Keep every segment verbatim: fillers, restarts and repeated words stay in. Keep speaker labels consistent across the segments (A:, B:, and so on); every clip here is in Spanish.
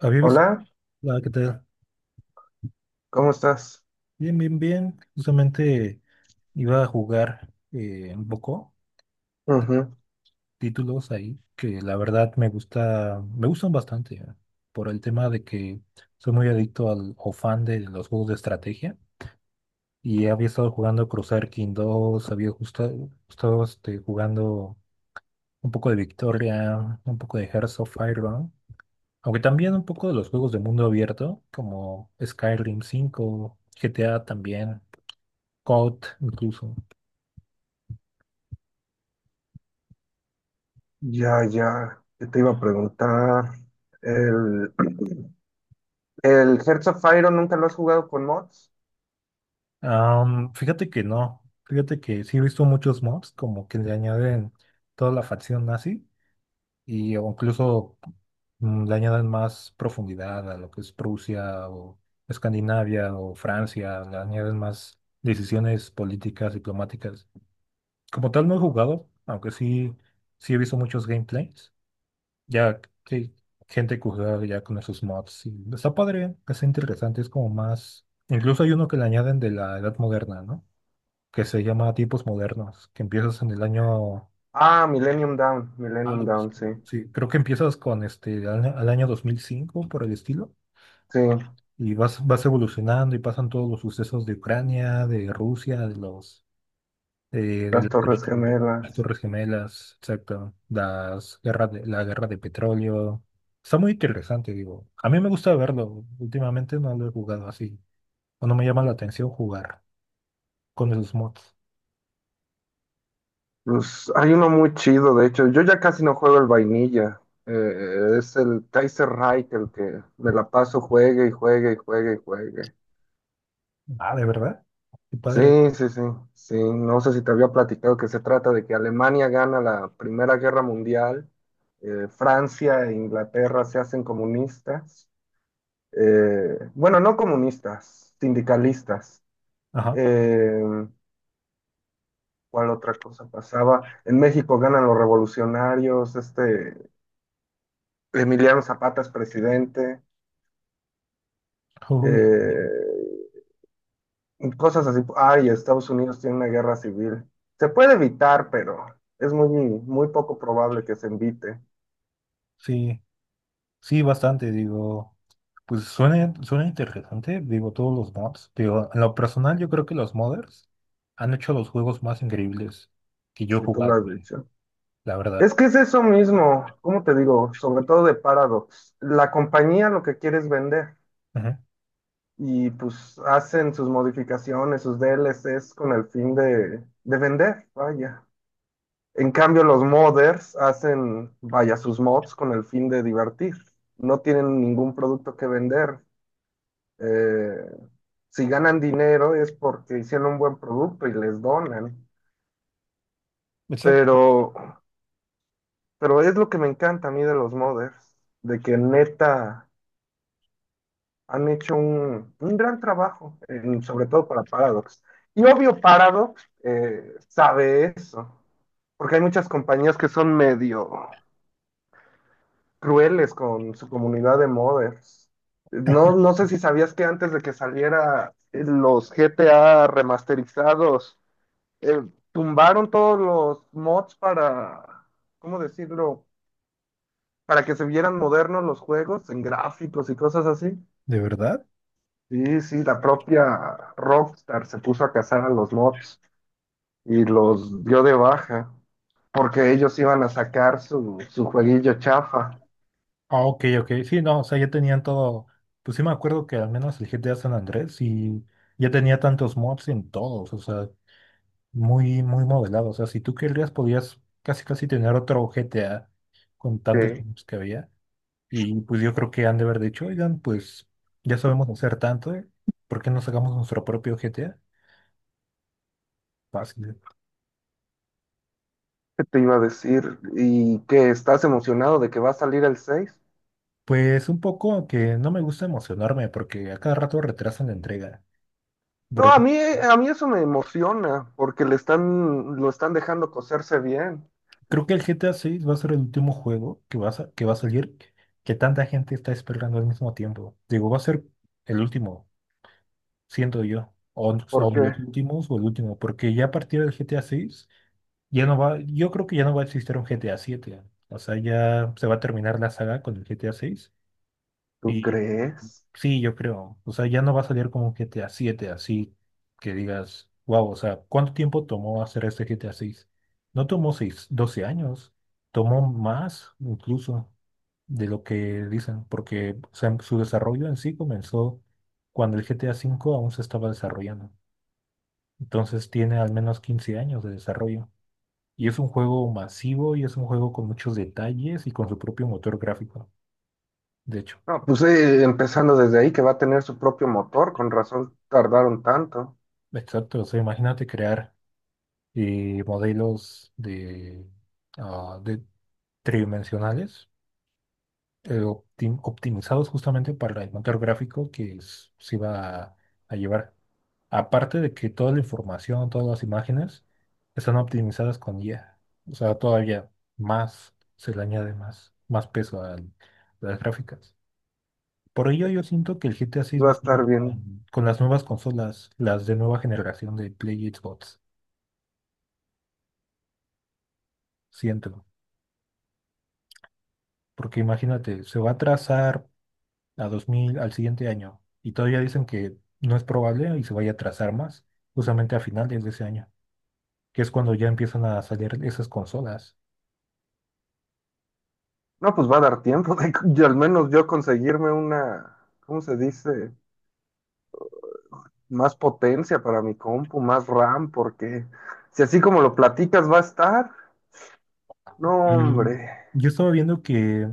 A: Había visto
B: Hola,
A: la que te...
B: ¿cómo estás?
A: Bien, bien, bien. Justamente iba a jugar eh, un poco
B: Ujú.
A: títulos ahí que la verdad me gusta, me gustan bastante, ¿eh? Por el tema de que soy muy adicto al o fan de los juegos de estrategia, y había estado jugando Crusader King dos. Había justa- estado este, jugando un poco de Victoria, un poco de Hearts of Iron, aunque también un poco de los juegos de mundo abierto como Skyrim cinco, G T A también. Code incluso.
B: Ya, ya, ¿qué te iba a preguntar? El, ¿el Hearts of Iron nunca lo has jugado con mods?
A: Am, fíjate que no, fíjate que sí he visto muchos mobs como que le añaden toda la facción nazi, y o incluso mm, le añaden más profundidad a lo que es Prusia, o Escandinavia, o Francia. Le añaden más decisiones políticas, diplomáticas. Como tal no he jugado, aunque sí, sí he visto muchos gameplays. Ya que gente que juega ya con esos mods. Y está padre, es interesante, es como más. Incluso hay uno que le añaden de la edad moderna, ¿no? Que se llama tipos modernos, que empiezas en el año.
B: Ah, Millennium Down,
A: Ah,
B: Millennium
A: sí,
B: Down, sí.
A: sí, creo que empiezas con este al, al año dos mil cinco por el estilo.
B: Sí,
A: Y vas, vas evolucionando y pasan todos los sucesos de Ucrania, de Rusia, de los eh,
B: las
A: el-
B: Torres
A: el- las
B: Gemelas.
A: Torres Gemelas, exacto, las guerras de, la guerra de petróleo. Está muy interesante, digo. A mí me gusta verlo. Últimamente no lo he jugado así. O no me llama la atención jugar con esos mods.
B: Pues hay uno muy chido, de hecho. Yo ya casi no juego el vainilla. Eh, es el Kaiser Reich el que me la paso, juegue y juegue y juegue y juegue.
A: Ah, ¿de verdad? Qué
B: Sí,
A: padre.
B: sí, sí, sí. No sé si te había platicado que se trata de que Alemania gana la Primera Guerra Mundial, eh, Francia e Inglaterra se hacen comunistas, eh, bueno, no comunistas, sindicalistas.
A: Ajá.
B: Eh, ¿cuál otra cosa pasaba? En México ganan los revolucionarios, este, Emiliano Zapata es presidente.
A: Uy,
B: eh, Cosas así. Ay, Estados Unidos tiene una guerra civil. Se puede evitar, pero es muy, muy poco probable que se evite.
A: sí, sí, bastante, digo. Pues suena, suena interesante, digo, todos los mods. Digo, en lo personal, yo creo que los modders han hecho los juegos más increíbles que yo he
B: Si tú lo
A: jugado,
B: has dicho.
A: la verdad.
B: Es que es eso mismo, ¿cómo te digo? Sobre todo de Paradox. La compañía lo que quiere es vender
A: Ujú.
B: y pues hacen sus modificaciones, sus D L Cs con el fin de, de vender, vaya. En cambio, los modders hacen, vaya, sus mods con el fin de divertir. No tienen ningún producto que vender. Eh, si ganan dinero es porque hicieron un buen producto y les donan.
A: Exacto.
B: Pero, pero es lo que me encanta a mí de los modders, de que neta han hecho un, un gran trabajo, en- sobre todo para Paradox. Y obvio, Paradox eh, sabe eso, porque hay muchas compañías que son medio crueles con su comunidad de modders. No, no sé si sabías que antes de que saliera los G T A remasterizados, eh, tumbaron todos los mods para, ¿cómo decirlo? Para que se vieran modernos los juegos en gráficos y cosas así.
A: ¿De verdad?
B: Y sí, la propia Rockstar se puso a cazar a los mods y los dio de baja porque ellos iban a sacar su, su jueguillo chafa.
A: Ah, ok, ok. Sí, no, o sea, ya tenían todo. Pues sí me acuerdo que al menos el G T A San Andrés y ya tenía tantos mods en todos, o sea, muy, muy modelado. O sea, si tú querías, podías casi, casi tener otro G T A con tantos
B: Que
A: mods que había. Y pues yo creo que han de haber dicho: oigan, pues ya sabemos hacer tanto, ¿eh? ¿Por qué no sacamos nuestro propio G T A? Fácil.
B: ¿qué te iba a decir? ¿Y que estás emocionado de que va a salir el seis?
A: Pues un poco que no me gusta emocionarme porque a cada rato retrasan la entrega.
B: No, a mí, a mí eso me emociona porque le están, lo están dejando coserse bien.
A: Creo que el G T A seis va a ser el último juego que va a, sa- que va a salir, que tanta gente está esperando al mismo tiempo. Digo, va a ser el último, siento yo, o, o
B: ¿Por qué?
A: los últimos o el último, porque ya a partir del G T A seis ya no va, yo creo que ya no va a existir un G T A siete. O sea, ya se va a terminar la saga con el G T A seis
B: ¿Tú
A: y
B: crees?
A: sí, yo creo. O sea, ya no va a salir como un GTA siete así que digas, wow. O sea, ¿cuánto tiempo tomó hacer este GTA seis? No tomó seis, doce años. Tomó más incluso de lo que dicen, porque o sea, su desarrollo en sí comenzó cuando el GTA cinco aún se estaba desarrollando. Entonces tiene al menos quince años de desarrollo. Y es un juego masivo y es un juego con muchos detalles y con su propio motor gráfico, de hecho.
B: No, pues sí, empezando desde ahí que va a tener su propio motor, con razón tardaron tanto.
A: Exacto, o sea, imagínate crear y modelos de, ah, de tridimensionales, eh, optim- optimizados justamente para el motor gráfico que s- se iba a, a llevar. Aparte de que toda la información, todas las imágenes están optimizadas con I A. O sea, todavía más se le añade más, más peso al- a las gráficas. Por ello yo siento que el G T A seis
B: Va
A: va
B: a
A: a
B: estar
A: salir
B: bien.
A: con, con las nuevas consolas, las de nueva generación de Play y Xbox. Siento. Porque imagínate, se va a atrasar a dos mil al siguiente año, y todavía dicen que no es probable y se vaya a atrasar más, justamente a finales de ese año, que es cuando ya empiezan a salir esas consolas.
B: No, pues va a dar tiempo de, y al menos yo conseguirme una, ¿cómo se dice? Más potencia para mi compu, más RAM, porque si así como lo platicas va a estar, no,
A: Y
B: hombre.
A: yo estaba viendo que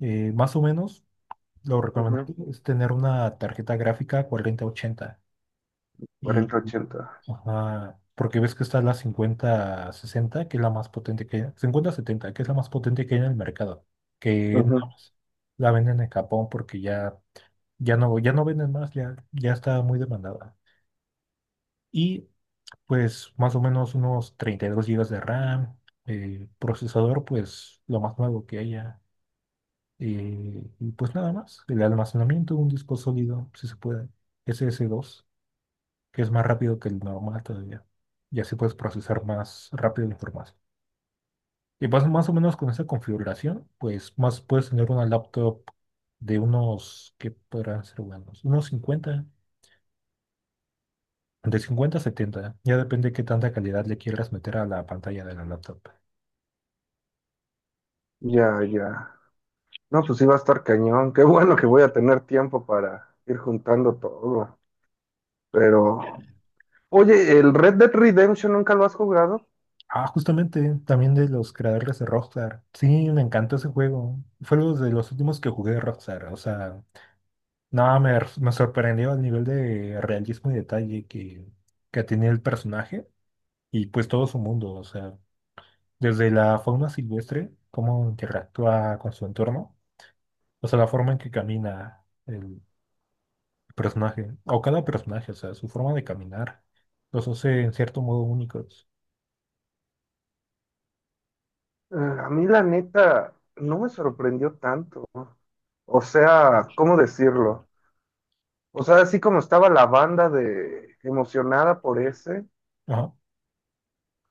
A: eh, más o menos lo
B: Ujú,
A: recomendable es tener una tarjeta gráfica cuarenta ochenta. Y,
B: cuarenta ochenta.
A: ajá, porque ves que está la cincuenta sesenta que es la más potente que, cincuenta setenta, que es la más potente que hay en el mercado, que
B: Ujú.
A: nada más la venden en Japón porque ya ya no, ya no venden más, ya, ya está muy demandada. Y pues más o menos unos treinta y dos gigas de RAM, eh, procesador pues lo más nuevo que haya. eh, y pues nada más, el almacenamiento, un disco sólido, si se puede, S S dos, que es más rápido que el normal todavía. Y así puedes procesar más rápido la información. Y pues más o menos con esa configuración, pues más puedes tener una laptop de unos, ¿que podrán ser buenos? Unos cincuenta. De cincuenta a setenta, ya depende qué tanta calidad le quieras meter a la pantalla de la laptop.
B: Ya, ya. No, pues sí va a estar cañón. Qué bueno que voy a tener tiempo para ir juntando todo. Pero oye, ¿el Red Dead Redemption nunca lo has jugado?
A: Ah, justamente, también de los creadores de Rockstar. Sí, me encantó ese juego. Fue uno de los últimos que jugué de Rockstar. O sea, nada, me, me sorprendió el nivel de realismo y detalle que, que tenía el personaje y pues todo su mundo. O sea, desde la fauna silvestre, cómo interactúa con su entorno, o sea, la forma en que camina, el personaje, o cada personaje, o sea, su forma de caminar, los hace en cierto modo únicos.
B: Eh, a mí la neta no me sorprendió tanto. O sea, ¿cómo decirlo? O sea, así como estaba la banda de emocionada por ese,
A: Ajá.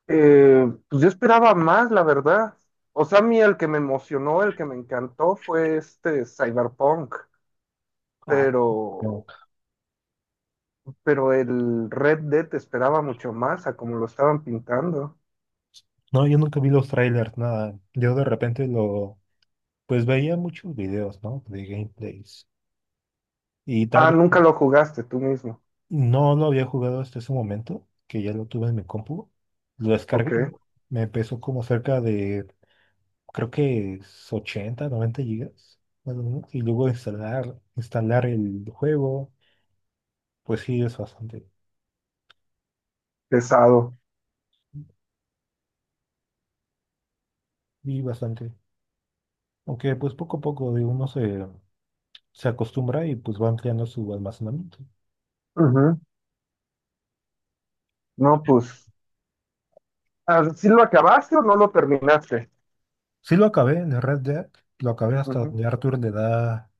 B: eh, pues yo esperaba más, la verdad. O sea, a mí el que me emocionó, el que me encantó fue este Cyberpunk,
A: Ah,
B: pero
A: no,
B: pero el Red Dead esperaba mucho más a como lo estaban pintando.
A: no, yo nunca vi los trailers, nada. Yo de repente lo, pues veía muchos videos, ¿no? De gameplays. Y tal
B: Ah,
A: vez
B: nunca lo jugaste tú mismo.
A: no lo había jugado hasta ese momento, que ya lo tuve en mi compu. Lo
B: Ok,
A: descargué. Me pesó como cerca de, creo que es ochenta, noventa gigas más o menos. Y luego instalar, instalar, el juego, pues sí, es bastante.
B: pesado.
A: Y bastante. Aunque pues poco a poco de uno se, se acostumbra y pues va ampliando su almacenamiento.
B: No, pues, ah, ¿sí lo acabaste o no lo terminaste?
A: Sí lo acabé, en el Red Dead, lo acabé hasta
B: Ujú.
A: donde Arthur le da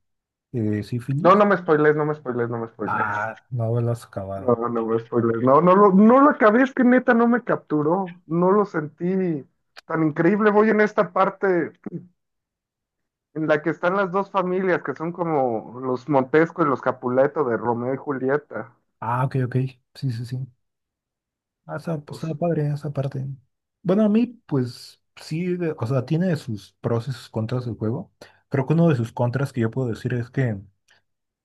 A: eh,
B: No,
A: sífilis.
B: no me spoilees, no me spoilees, no me spoilees.
A: Ah, no lo has
B: No,
A: acabado.
B: no me spoilees. No, no lo, no lo acabé, es que neta no me capturó. No lo sentí tan increíble. Voy en esta parte en la que están las dos familias, que son como los Montesco y los Capuleto de Romeo y Julieta.
A: Ah, ok, ok. Sí, sí, sí. Ah, está, pues,
B: Pues,
A: está padre esa parte. Bueno, a mí pues sí, de- o sea, tiene sus pros y sus contras del juego. Creo que uno de sus contras que yo puedo decir es que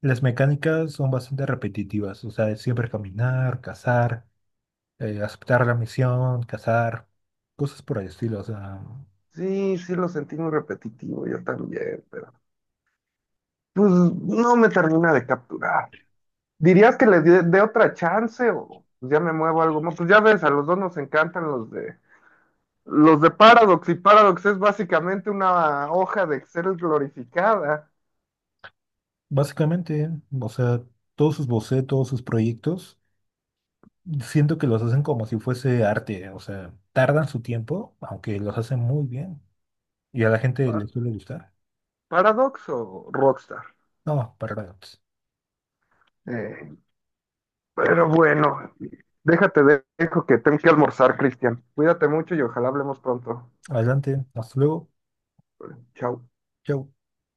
A: las mecánicas son bastante repetitivas. O sea, es siempre caminar, cazar. eh, aceptar la misión, cazar, cosas por el estilo. O sea,
B: sí, sí lo sentí muy repetitivo, yo también, pero pues no me termina de capturar. ¿Dirías que le dé dé otra chance o pues ya me muevo a algo más? Pues ya ves, a los dos nos encantan los de los de Paradox y Paradox es básicamente una hoja de Excel glorificada.
A: básicamente, o sea, todos sus bocetos, sus proyectos, siento que los hacen como si fuese arte. O sea, tardan su tiempo, aunque los hacen muy bien. Y a la gente
B: Pa-
A: les suele gustar.
B: ¿Paradox o Rockstar?
A: No, para nada.
B: Eh, pero bueno, déjate, dejo que tengo que almorzar, Cristian. Cuídate mucho y ojalá hablemos pronto.
A: Adelante, hasta luego.
B: Chao.
A: Chau.